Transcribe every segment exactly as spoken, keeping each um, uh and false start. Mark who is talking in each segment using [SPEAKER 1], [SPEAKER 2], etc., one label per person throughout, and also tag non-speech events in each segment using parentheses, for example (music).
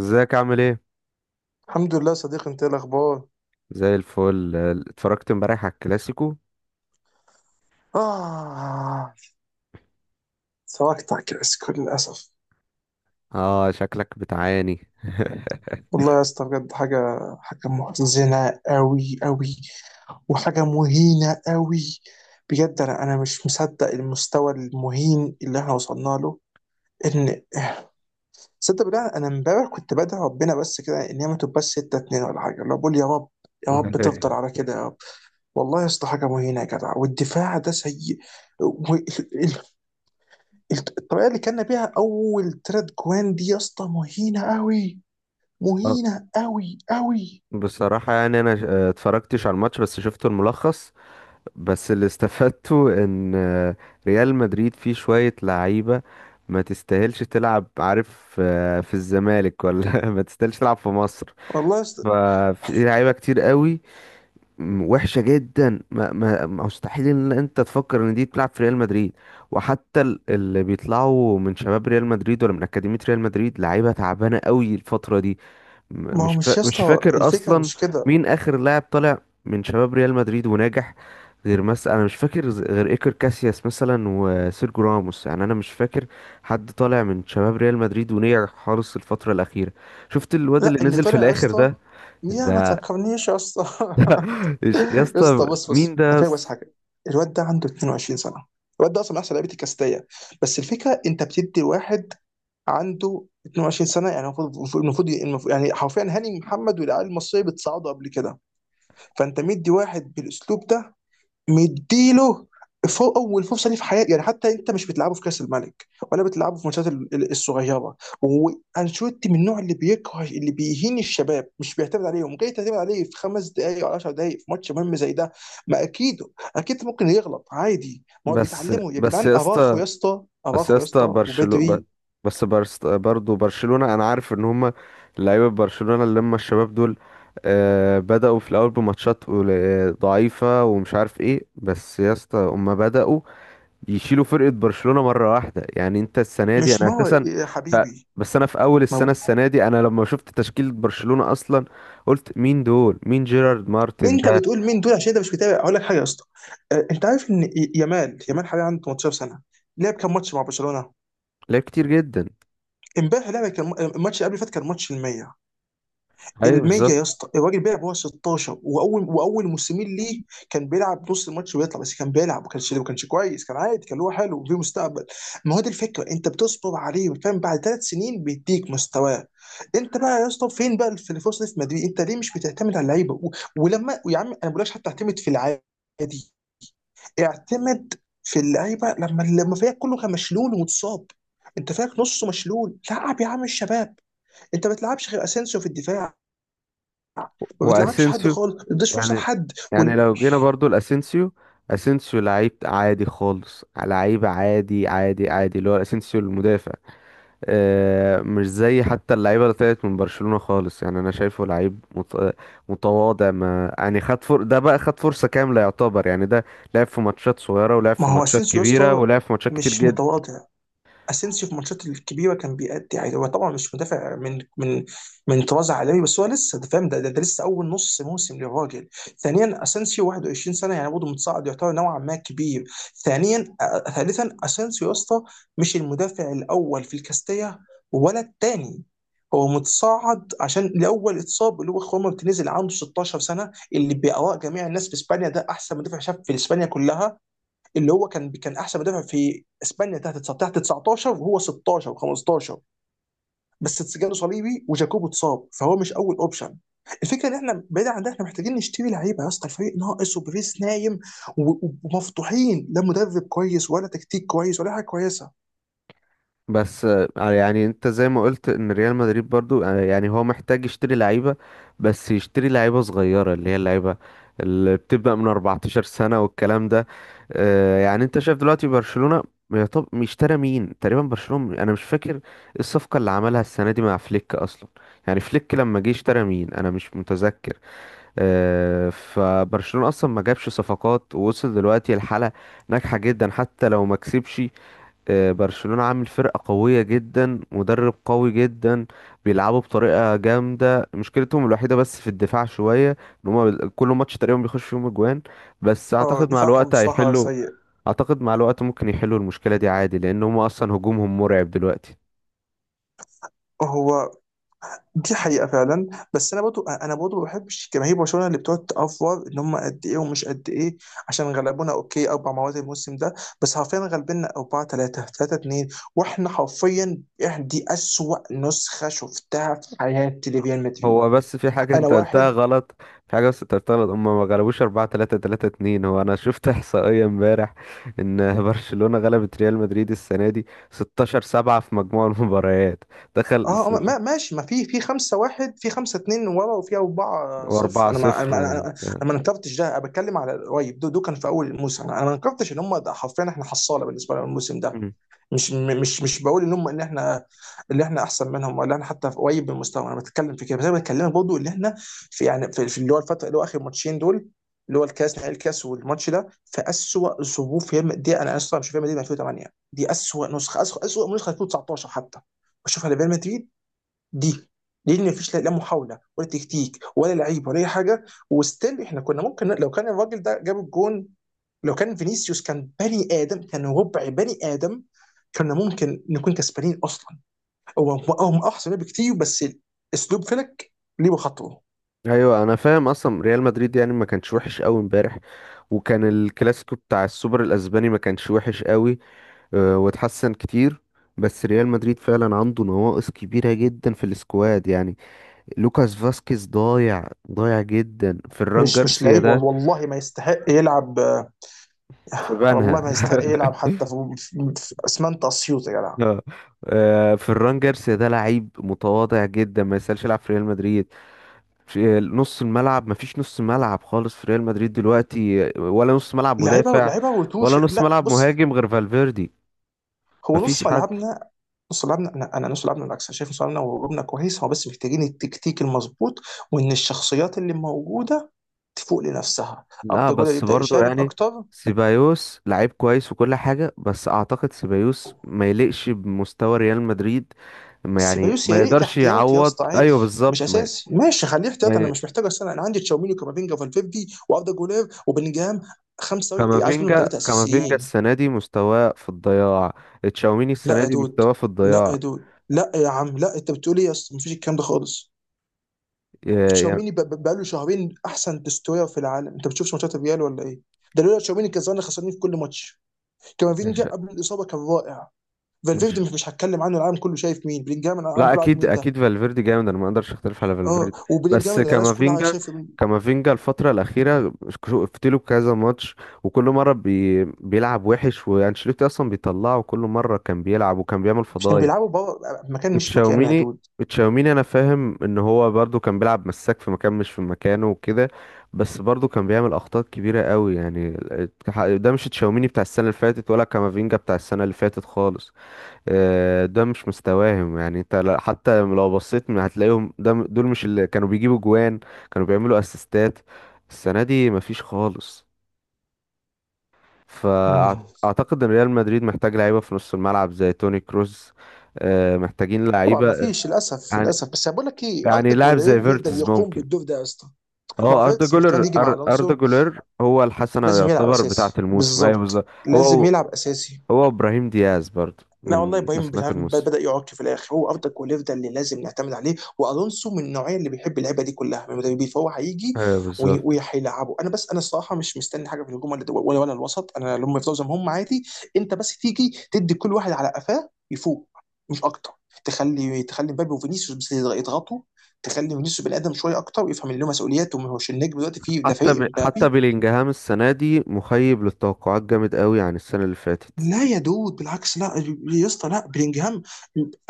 [SPEAKER 1] ازيك عامل ايه؟
[SPEAKER 2] الحمد لله، صديقي. انت ايه الاخبار؟
[SPEAKER 1] زي الفل. اتفرجت امبارح على الكلاسيكو.
[SPEAKER 2] اه. سواقتك يا اسكو للاسف.
[SPEAKER 1] اه شكلك بتعاني.
[SPEAKER 2] والله يا اسطى بجد حاجه، حاجه محزنه قوي قوي، وحاجه مهينه قوي. بجد انا انا مش مصدق المستوى المهين اللي احنا وصلنا له. ان صدق بالله، انا امبارح كنت بدعي ربنا بس كده ان هي ما تبقاش ستة اتنين ولا حاجه، لو بقول يا رب، يا رب تفضل
[SPEAKER 1] (laughs)
[SPEAKER 2] على كده يا رب. والله يا اسطى حاجه مهينه يا جدع، والدفاع ده سيء. الط- الطريقه اللي كنا بيها اول تلات جوان دي يا اسطى مهينه قوي،
[SPEAKER 1] اه،
[SPEAKER 2] مهينه قوي قوي.
[SPEAKER 1] بصراحة يعني انا ش- اه اتفرجتش على الماتش، بس شفت الملخص. بس اللي استفدته ان اه ريال مدريد فيه شوية لعيبة ما تستاهلش تلعب، عارف، اه في الزمالك، ولا (laughs) ما تستاهلش تلعب في مصر.
[SPEAKER 2] والله يا اسطى.
[SPEAKER 1] ففي لعيبة كتير قوي، م- وحشة جدا، ما ما ما- مستحيل ان انت تفكر ان دي تلعب في ريال مدريد. وحتى ال- اللي بيطلعوا من شباب ريال مدريد ولا من أكاديمية ريال مدريد لعيبة تعبانة قوي الفترة دي. م-
[SPEAKER 2] ما هو
[SPEAKER 1] مش فا...
[SPEAKER 2] مش يا
[SPEAKER 1] مش
[SPEAKER 2] اسطى
[SPEAKER 1] فاكر
[SPEAKER 2] الفكره
[SPEAKER 1] اصلا
[SPEAKER 2] مش كده.
[SPEAKER 1] مين اخر لاعب طالع من شباب ريال مدريد وناجح. غير مثلا، انا مش فاكر، ز- غير ايكر كاسياس مثلا وسيرجو راموس، يعني انا مش فاكر حد طالع من شباب ريال مدريد ونجح خالص الفترة الأخيرة. شفت الواد
[SPEAKER 2] لا،
[SPEAKER 1] اللي
[SPEAKER 2] اللي
[SPEAKER 1] نزل في
[SPEAKER 2] طلع يا
[SPEAKER 1] الآخر
[SPEAKER 2] اسطى.
[SPEAKER 1] ده؟
[SPEAKER 2] يا ما
[SPEAKER 1] ده
[SPEAKER 2] تفكرنيش يا اسطى. (laughs)
[SPEAKER 1] إيش- يا
[SPEAKER 2] يا
[SPEAKER 1] اسطى
[SPEAKER 2] اسطى، بص
[SPEAKER 1] مين
[SPEAKER 2] بص،
[SPEAKER 1] ده
[SPEAKER 2] انا فاهم بس
[SPEAKER 1] بس؟
[SPEAKER 2] حاجه. الواد ده عنده اتنين وعشرين سنه. الواد ده اصلا من احسن لعيبه الكاستيه. بس الفكره انت بتدي واحد عنده اتنين وعشرين سنه. يعني المفروض المفروض المفروض- يعني حرفيا هاني محمد والعيال المصريه بتصعدوا قبل كده. فانت مدي واحد بالاسلوب ده، مديله فوق اول فرصه ليه في حياتي. يعني حتى انت مش بتلعبه في كاس الملك، ولا بتلعبه في الماتشات ال- ال- الصغيره، وانشيلوتي من النوع اللي بيكره، اللي بيهين الشباب، مش بيعتمد عليهم. جاي تعتمد عليه في خمس دقائق او عشر دقائق في ماتش مهم زي ده؟ ما اكيد. اكيد ممكن يغلط عادي، ما هو
[SPEAKER 1] بس
[SPEAKER 2] بيتعلمه يا
[SPEAKER 1] بس
[SPEAKER 2] جدعان.
[SPEAKER 1] يا
[SPEAKER 2] اراخو
[SPEAKER 1] اسطى،
[SPEAKER 2] يا اسطى،
[SPEAKER 1] بس يا
[SPEAKER 2] اراخو يا
[SPEAKER 1] اسطى
[SPEAKER 2] اسطى
[SPEAKER 1] برشلونة،
[SPEAKER 2] وبدري.
[SPEAKER 1] بس برس برضه برشلونة انا عارف ان هما لعيبة برشلونة اللي هم الشباب دول آه بدأوا في الاول بماتشات قل- ضعيفة ومش عارف ايه، بس يا اسطى هما بدأوا يشيلوا فرقة برشلونة مرة واحدة. يعني انت السنة دي
[SPEAKER 2] مش
[SPEAKER 1] انا
[SPEAKER 2] ما
[SPEAKER 1] اساسا
[SPEAKER 2] يا
[SPEAKER 1] ف...
[SPEAKER 2] حبيبي.
[SPEAKER 1] بس انا في اول
[SPEAKER 2] ما
[SPEAKER 1] السنة،
[SPEAKER 2] هو
[SPEAKER 1] السنة دي، انا لما شفت تشكيلة برشلونة اصلا قلت مين دول، مين جيرارد مارتن
[SPEAKER 2] انت
[SPEAKER 1] ده؟
[SPEAKER 2] بتقول مين دول عشان انت مش متابع. اقول لك حاجه يا اسطى. آه، انت عارف ان ي- يامال، يامال حاليا عنده تمنتاشر سنه. لعب كام ماتش مع برشلونه؟
[SPEAKER 1] لعيب كتير جدا،
[SPEAKER 2] امبارح لعبه، كان الماتش اللي قبل اللي فات كان ماتش الميه.
[SPEAKER 1] ايوه
[SPEAKER 2] الميه
[SPEAKER 1] بالظبط.
[SPEAKER 2] يا اسطى. الراجل بيلعب وهو ستاشر، واول واول موسمين ليه كان بيلعب نص الماتش ويطلع، بس كان بيلعب ما كانش ما كانش كويس، كان عادي، كان هو حلو وفيه مستقبل. ما هو دي الفكره، انت بتصبر عليه فاهم، بعد ثلاث سنين بيديك مستواه. انت بقى يا اسطى فين بقى في الفرصه دي في مدريد؟ انت ليه مش بتعتمد على اللعيبه و- ولما يا عم انا ما بقولكش حتى اعتمد في العادي، اعتمد في اللعيبه لما لما فريقك كله كان مشلول ومتصاب. انت فريقك نصه مشلول، لعب يا عم الشباب. انت ما بتلعبش غير اسينسيو في الدفاع، ما بتلعبش حد
[SPEAKER 1] واسينسيو
[SPEAKER 2] خالص، ما بتديش فرصه
[SPEAKER 1] يعني،
[SPEAKER 2] لحد.
[SPEAKER 1] يعني
[SPEAKER 2] وال-
[SPEAKER 1] لو جينا برضو لاسينسيو، اسينسيو لعيب عادي خالص، لعيب عادي عادي عادي، اللي هو اسينسيو المدافع. آه مش زي حتى اللعيبه اللي طلعت من برشلونه خالص، يعني انا شايفه لعيب مت- متواضع. ما يعني خد فر... ده بقى خد فرصه كامله يعتبر، يعني ده لعب في ماتشات صغيره ولعب
[SPEAKER 2] ما
[SPEAKER 1] في
[SPEAKER 2] هو
[SPEAKER 1] ماتشات
[SPEAKER 2] اسينسيو يا
[SPEAKER 1] كبيره
[SPEAKER 2] اسطى
[SPEAKER 1] ولعب في ماتشات كتير
[SPEAKER 2] مش
[SPEAKER 1] جدا.
[SPEAKER 2] متواضع. اسينسيو في الماتشات الكبيره كان بيأدي عادي. هو طبعا مش مدافع من من من طراز عالمي، بس هو لسه انت فاهم، ده, ده, ده لسه اول نص موسم للراجل. ثانيا اسينسيو واحد وعشرين سنه، يعني برضه متصاعد يعتبر نوعا ما كبير. ثانيا آه، ثالثا اسينسيو يا اسطى مش المدافع الاول في الكاستيا ولا الثاني. هو متصاعد عشان لاول اتصاب، اللي هو خوان مارتينيز اللي عنده ستاشر سنه، اللي باراء جميع الناس في اسبانيا ده احسن مدافع شاب في اسبانيا كلها، اللي هو كان كان احسن مدافع في اسبانيا تحت تسعتاشر، تحت تسعة عشر وهو ستاشر وخمستاشر. بس جاله صليبي وجاكوبو اتصاب، فهو مش اول اوبشن. الفكره ان احنا بعيد عن ده، احنا محتاجين نشتري لعيبه يا اسطى. الفريق ناقص وبريس نايم و- ومفتوحين، لا مدرب كويس ولا تكتيك كويس ولا حاجه كويسه.
[SPEAKER 1] بس آه، يعني انت زي ما قلت ان ريال مدريد برضو آه، يعني هو محتاج يشتري لعيبة، بس يشتري لعيبة صغيرة اللي هي اللعيبة اللي بتبدأ من اربعة عشر سنة والكلام ده. آه، يعني انت شايف دلوقتي برشلونة، يا طب اشترى مين تقريبا برشلونة؟ انا مش فاكر ايه الصفقة اللي عملها السنة دي مع فليك اصلا. يعني فليك لما جه اشترى مين؟ انا مش متذكر. آه، فبرشلونة اصلا ما جابش صفقات ووصل دلوقتي لحالة ناجحة جدا حتى لو ما كسبش. آه، برشلونة عامل فرقة قوية جدا، مدرب قوي جدا، بيلعبوا بطريقة جامدة. مشكلتهم الوحيدة بس في الدفاع شوية ان هما بال- كل ماتش تقريبا بيخش فيهم اجوان، بس
[SPEAKER 2] اه،
[SPEAKER 1] اعتقد مع
[SPEAKER 2] دفاعهم
[SPEAKER 1] الوقت
[SPEAKER 2] الصراحه
[SPEAKER 1] هيحلوا.
[SPEAKER 2] سيء.
[SPEAKER 1] اعتقد مع الوقت ممكن يحلوا المشكلة دي عادي لان هما اصلا هجومهم مرعب دلوقتي.
[SPEAKER 2] هو دي حقيقة فعلا. بس انا برضو انا برضو ما بحبش جماهير برشلونة اللي بتقعد تأفور ان هم قد ايه ومش قد ايه. عشان غلبونا، اوكي، اربع مرات الموسم ده، بس حرفيا غلبنا اربعة ثلاثة، ثلاثة اتنين. واحنا حرفيا، إحنا دي اسوأ نسخة شفتها في حياتي لريال مدريد.
[SPEAKER 1] هو بس في حاجة
[SPEAKER 2] انا
[SPEAKER 1] انت قلتها
[SPEAKER 2] واحد.
[SPEAKER 1] غلط، في حاجة بس انت قلتها غلط، هما ما غلبوش أربعة تلاتة تلاتة اتنين. هو أنا شفت (laughs) إحصائية امبارح إن (laughs) برشلونة غلبت ريال مدريد السنة دي ستاشر سبعة في مجموع المباريات. دخل
[SPEAKER 2] اه، آه،
[SPEAKER 1] س...
[SPEAKER 2] ما ماشي، ما في في خمسة واحد، في خمسة اتنين ورا، وفي أربعة صفر.
[SPEAKER 1] وأربعة
[SPEAKER 2] أنا ما أنا
[SPEAKER 1] صفر
[SPEAKER 2] ما- أنا
[SPEAKER 1] وبتاع.
[SPEAKER 2] أنا ما نكرتش ده، أنا بتكلم على قريب، ده, ده كان في أول الموسم. أنا أنا ما نكرتش إن هم، ده حرفيا إحنا حصالة بالنسبة لنا الموسم ده.
[SPEAKER 1] مم.
[SPEAKER 2] مش م- مش مش بقول ان هم، ان احنا اللي احنا احسن منهم، ولا احنا حتى في قريب من المستوى. انا بتكلم في كده، بس انا بتكلم برضه ان احنا في، يعني في, في اللي هو الفتره، اللي هو اخر ماتشين دول، اللي هو الكاس، نهائي الكاس والماتش ده، في اسوء ظروف ريال مدريد. انا اسف، مش ريال مدريد من ألفين وثمانية. دي اسوء نسخه، اسوء اسوء نسخه ألفين وتسعتاشر حتى بشوفها لريال مدريد دي، لان مفيش لا لا محاوله ولا تكتيك ولا لعيب ولا اي حاجه. وستيل احنا كنا ممكن، لو كان الراجل ده جاب الجون، لو كان فينيسيوس كان بني ادم، كان ربع بني ادم، كنا ممكن نكون كسبانين اصلا. هو هم احسن لعيبه بكتير، بس اسلوب فلك ليه بخطوه.
[SPEAKER 1] أيوة أنا فاهم، أصلا ريال مدريد يعني ما كانش وحش أوي امبارح، وكان الكلاسيكو بتاع السوبر الأسباني ما كانش وحش أوي. آه، واتحسن كتير. بس ريال مدريد فعلا عنده نواقص كبيرة جدا في السكواد يعني. لوكاس فاسكيز ضايع، ضايع جدا. فران
[SPEAKER 2] مش مش
[SPEAKER 1] جارسيا
[SPEAKER 2] لعيب، والله
[SPEAKER 1] ده
[SPEAKER 2] والله ما يستحق يلعب،
[SPEAKER 1] في بنها.
[SPEAKER 2] والله ما يستحق يلعب
[SPEAKER 1] (laughs)
[SPEAKER 2] حتى في في اسمنت اسيوط يا جدع.
[SPEAKER 1] آه. آه، فران جارسيا ده لعيب متواضع جدا ما يسألش يلعب في ريال مدريد. في نص الملعب ما فيش نص ملعب خالص في ريال مدريد دلوقتي، ولا نص ملعب
[SPEAKER 2] لعيبه
[SPEAKER 1] مدافع
[SPEAKER 2] لعيبه وتوش،
[SPEAKER 1] ولا نص
[SPEAKER 2] لا،
[SPEAKER 1] ملعب
[SPEAKER 2] بص.
[SPEAKER 1] مهاجم غير فالفيردي.
[SPEAKER 2] هو
[SPEAKER 1] ما فيش
[SPEAKER 2] نص
[SPEAKER 1] حد.
[SPEAKER 2] ملعبنا، نص ملعبنا، انا انا نص ملعبنا بالعكس. انا شايف نص ملعبنا وهجومنا كويس، هو بس محتاجين التكتيك المظبوط، وان الشخصيات اللي موجوده تفوق لنفسها.
[SPEAKER 1] لا
[SPEAKER 2] ابدا جولر
[SPEAKER 1] بس
[SPEAKER 2] يبدا
[SPEAKER 1] برضو
[SPEAKER 2] يشارك
[SPEAKER 1] يعني
[SPEAKER 2] اكتر.
[SPEAKER 1] سيبايوس لعيب كويس وكل حاجة، بس أعتقد سيبايوس ما يليقش بمستوى ريال مدريد. ما يعني
[SPEAKER 2] سيبايوس
[SPEAKER 1] ما
[SPEAKER 2] يليق
[SPEAKER 1] يقدرش
[SPEAKER 2] كاحتياط يا
[SPEAKER 1] يعوض،
[SPEAKER 2] اسطى،
[SPEAKER 1] أيوه
[SPEAKER 2] عادي مش
[SPEAKER 1] بالظبط. ما,
[SPEAKER 2] اساسي، ماشي خليه
[SPEAKER 1] ما
[SPEAKER 2] احتياط. انا
[SPEAKER 1] ي-
[SPEAKER 2] مش محتاج. السنه انا عندي تشاوميني وكامافينجا وفالفيردي واردا جولير وبلينجهام، خمسه عايز منهم
[SPEAKER 1] كامافينجا،
[SPEAKER 2] ثلاثه
[SPEAKER 1] كامافينجا
[SPEAKER 2] اساسيين.
[SPEAKER 1] السنة دي مستواه في الضياع. تشاوميني
[SPEAKER 2] لا
[SPEAKER 1] السنة
[SPEAKER 2] يا
[SPEAKER 1] دي
[SPEAKER 2] دود،
[SPEAKER 1] مستواه في
[SPEAKER 2] لا يا
[SPEAKER 1] الضياع.
[SPEAKER 2] دود، لا يا عم، لا، انت بتقول ايه يا اسطى؟ مفيش الكلام ده خالص.
[SPEAKER 1] ي- يعني
[SPEAKER 2] تشاوميني ب- ب- بقاله شهرين احسن تستوير في العالم. انت بتشوفش ماتشات الريال ولا ايه؟ ده لولا تشاوميني كان زمان خسرانين في كل ماتش.
[SPEAKER 1] مش
[SPEAKER 2] كامافينجا قبل الاصابه كان رائع. فالفيردي
[SPEAKER 1] مش
[SPEAKER 2] مش مش هتكلم عنه، العالم كله شايف. مين بلينجهام؟ العالم
[SPEAKER 1] لا
[SPEAKER 2] كله عارف
[SPEAKER 1] اكيد،
[SPEAKER 2] مين ده.
[SPEAKER 1] اكيد فالفيردي جامد، انا ما اقدرش اختلف على
[SPEAKER 2] اه،
[SPEAKER 1] فالفيردي.
[SPEAKER 2] وبلينجهام
[SPEAKER 1] بس
[SPEAKER 2] الناس كلها
[SPEAKER 1] كامافينجا،
[SPEAKER 2] شايفه.
[SPEAKER 1] كامافينجا الفتره الاخيره شفت له كذا ماتش، وكل مره بي بيلعب وحش، وانشيلوتي اصلا بيطلعه وكل مره كان بيلعب وكان بيعمل
[SPEAKER 2] مش كانوا
[SPEAKER 1] فضايح.
[SPEAKER 2] بيلعبوا بره مكان، مش مكانه يا
[SPEAKER 1] تشاوميني،
[SPEAKER 2] دود.
[SPEAKER 1] تشاوميني انا فاهم ان هو برضو كان بيلعب مساك في مكان مش في مكانه وكده، بس برضو كان بيعمل اخطاء كبيره قوي يعني. ده مش تشاوميني بتاع السنه اللي فاتت ولا كامافينجا بتاع السنه اللي فاتت خالص. آه، ده مش مستواهم. يعني انت لا- حتى لو بصيت م- هتلاقيهم ده م- دول مش اللي كانوا بيجيبوا جوان، كانوا بيعملوا اسيستات، السنة دي مفيش خالص.
[SPEAKER 2] مم.
[SPEAKER 1] فاعتقد ان ريال مدريد محتاج لعيبة في نص الملعب زي توني كروز. آه، محتاجين
[SPEAKER 2] طبعا ما
[SPEAKER 1] لعيبة،
[SPEAKER 2] فيش، للاسف
[SPEAKER 1] يعني،
[SPEAKER 2] للاسف. بس بقول لك ايه،
[SPEAKER 1] يعني
[SPEAKER 2] اردا
[SPEAKER 1] لاعب
[SPEAKER 2] جولير
[SPEAKER 1] زي
[SPEAKER 2] يقدر
[SPEAKER 1] فيرتز
[SPEAKER 2] يقوم
[SPEAKER 1] ممكن.
[SPEAKER 2] بالدور ده يا اسطى. ما هو
[SPEAKER 1] اه اردا
[SPEAKER 2] فيتس
[SPEAKER 1] جولر،
[SPEAKER 2] واحتمال يجي مع
[SPEAKER 1] أر- اردا
[SPEAKER 2] الونسو
[SPEAKER 1] جولر هو الحسنة
[SPEAKER 2] لازم يلعب
[SPEAKER 1] يعتبر بتاعة
[SPEAKER 2] اساسي،
[SPEAKER 1] الموسم، ايوه
[SPEAKER 2] بالظبط
[SPEAKER 1] بالظبط.
[SPEAKER 2] لازم
[SPEAKER 1] هو،
[SPEAKER 2] يلعب اساسي.
[SPEAKER 1] هو ابراهيم دياز برضو
[SPEAKER 2] لا والله
[SPEAKER 1] من
[SPEAKER 2] ابراهيم مش
[SPEAKER 1] حسنات
[SPEAKER 2] عارف، بد-
[SPEAKER 1] الموسم،
[SPEAKER 2] بدا يعك في الاخر. هو افضل كولير، ده اللي لازم نعتمد عليه. والونسو من النوعيه اللي بيحب اللعبه دي كلها من المدربين، فهو هيجي
[SPEAKER 1] ايوه
[SPEAKER 2] وي-
[SPEAKER 1] بالظبط.
[SPEAKER 2] وهيلعبه. انا بس، انا الصراحه مش مستني حاجه في الهجوم ولا ولا, ولا الوسط. انا لما يفضلوا زي ما هم عادي، انت بس تيجي تدي كل واحد على قفاه يفوق، مش اكتر. تخلي تخلي مبابي وفينيسيوس بس يضغطوا، تخلي فينيسيوس بني ادم شويه اكتر، ويفهم ان له مسؤوليات وما هوش النجم دلوقتي في ده،
[SPEAKER 1] حتى
[SPEAKER 2] فريق
[SPEAKER 1] ب... حتى
[SPEAKER 2] مبابي.
[SPEAKER 1] بيلينجهام السنة دي مخيب للتوقعات جامد قوي عن السنة اللي فاتت.
[SPEAKER 2] لا يا دود، بالعكس، لا، يا اسطى لا. بلينجهام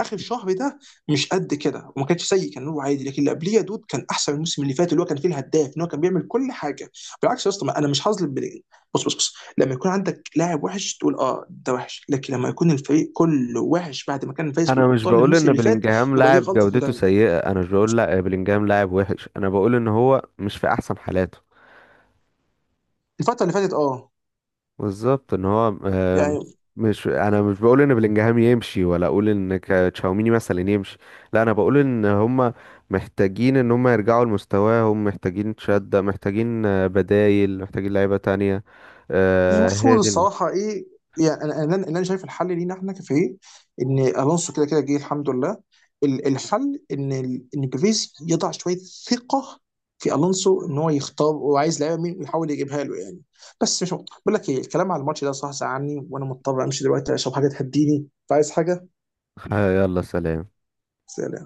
[SPEAKER 2] اخر شهر ده مش قد كده، وما كانش سيء، كان هو عادي. لكن اللي قبليه يا دود كان احسن من الموسم اللي فات، اللي هو كان فيه الهداف ان هو كان بيعمل كل حاجه. بالعكس يا اسطى، ما- انا مش هظلم بلينج. بص بص بص، لما يكون عندك لاعب وحش تقول اه ده وحش، لكن لما يكون الفريق كله وحش بعد ما كان فايز
[SPEAKER 1] انا مش
[SPEAKER 2] بالابطال
[SPEAKER 1] بقول
[SPEAKER 2] الموسم
[SPEAKER 1] ان
[SPEAKER 2] اللي فات
[SPEAKER 1] بيلينجهام
[SPEAKER 2] يبقى دي
[SPEAKER 1] لاعب
[SPEAKER 2] غلطه
[SPEAKER 1] جودته
[SPEAKER 2] مدرب
[SPEAKER 1] سيئة، انا مش بقول لا بيلينجهام لاعب وحش، انا بقول ان هو مش في احسن حالاته،
[SPEAKER 2] الفتره اللي فاتت. اه،
[SPEAKER 1] بالظبط، ان هو آه،
[SPEAKER 2] يعني
[SPEAKER 1] مش مش- انا مش بقول ان بلينجهام يمشي، ولا اقول ان ك- تشاوميني مثلا يمشي. لا انا بقول ان هم محتاجين ان هم يرجعوا لمستواهم، محتاجين شدة، محتاجين آه، بدايل، محتاجين لعيبة تانية. آه، هي
[SPEAKER 2] المفروض
[SPEAKER 1] دي ال-
[SPEAKER 2] الصراحه ايه؟ يعني انا انا أنا شايف الحل لينا احنا كفريق، ان الونسو كده كده جه الحمد لله. ال- الحل ان ال- ان بيفيز يضع شويه ثقه في الونسو، ان هو يختار هو عايز لعيبه مين ويحاول يجيبها له يعني. بس مش مقطع. بقول لك ايه، الكلام على الماتش ده صح ساعني، وانا مضطر امشي دلوقتي اشرب حاجه تهديني، فعايز حاجه.
[SPEAKER 1] آه، يلا سلام.
[SPEAKER 2] سلام.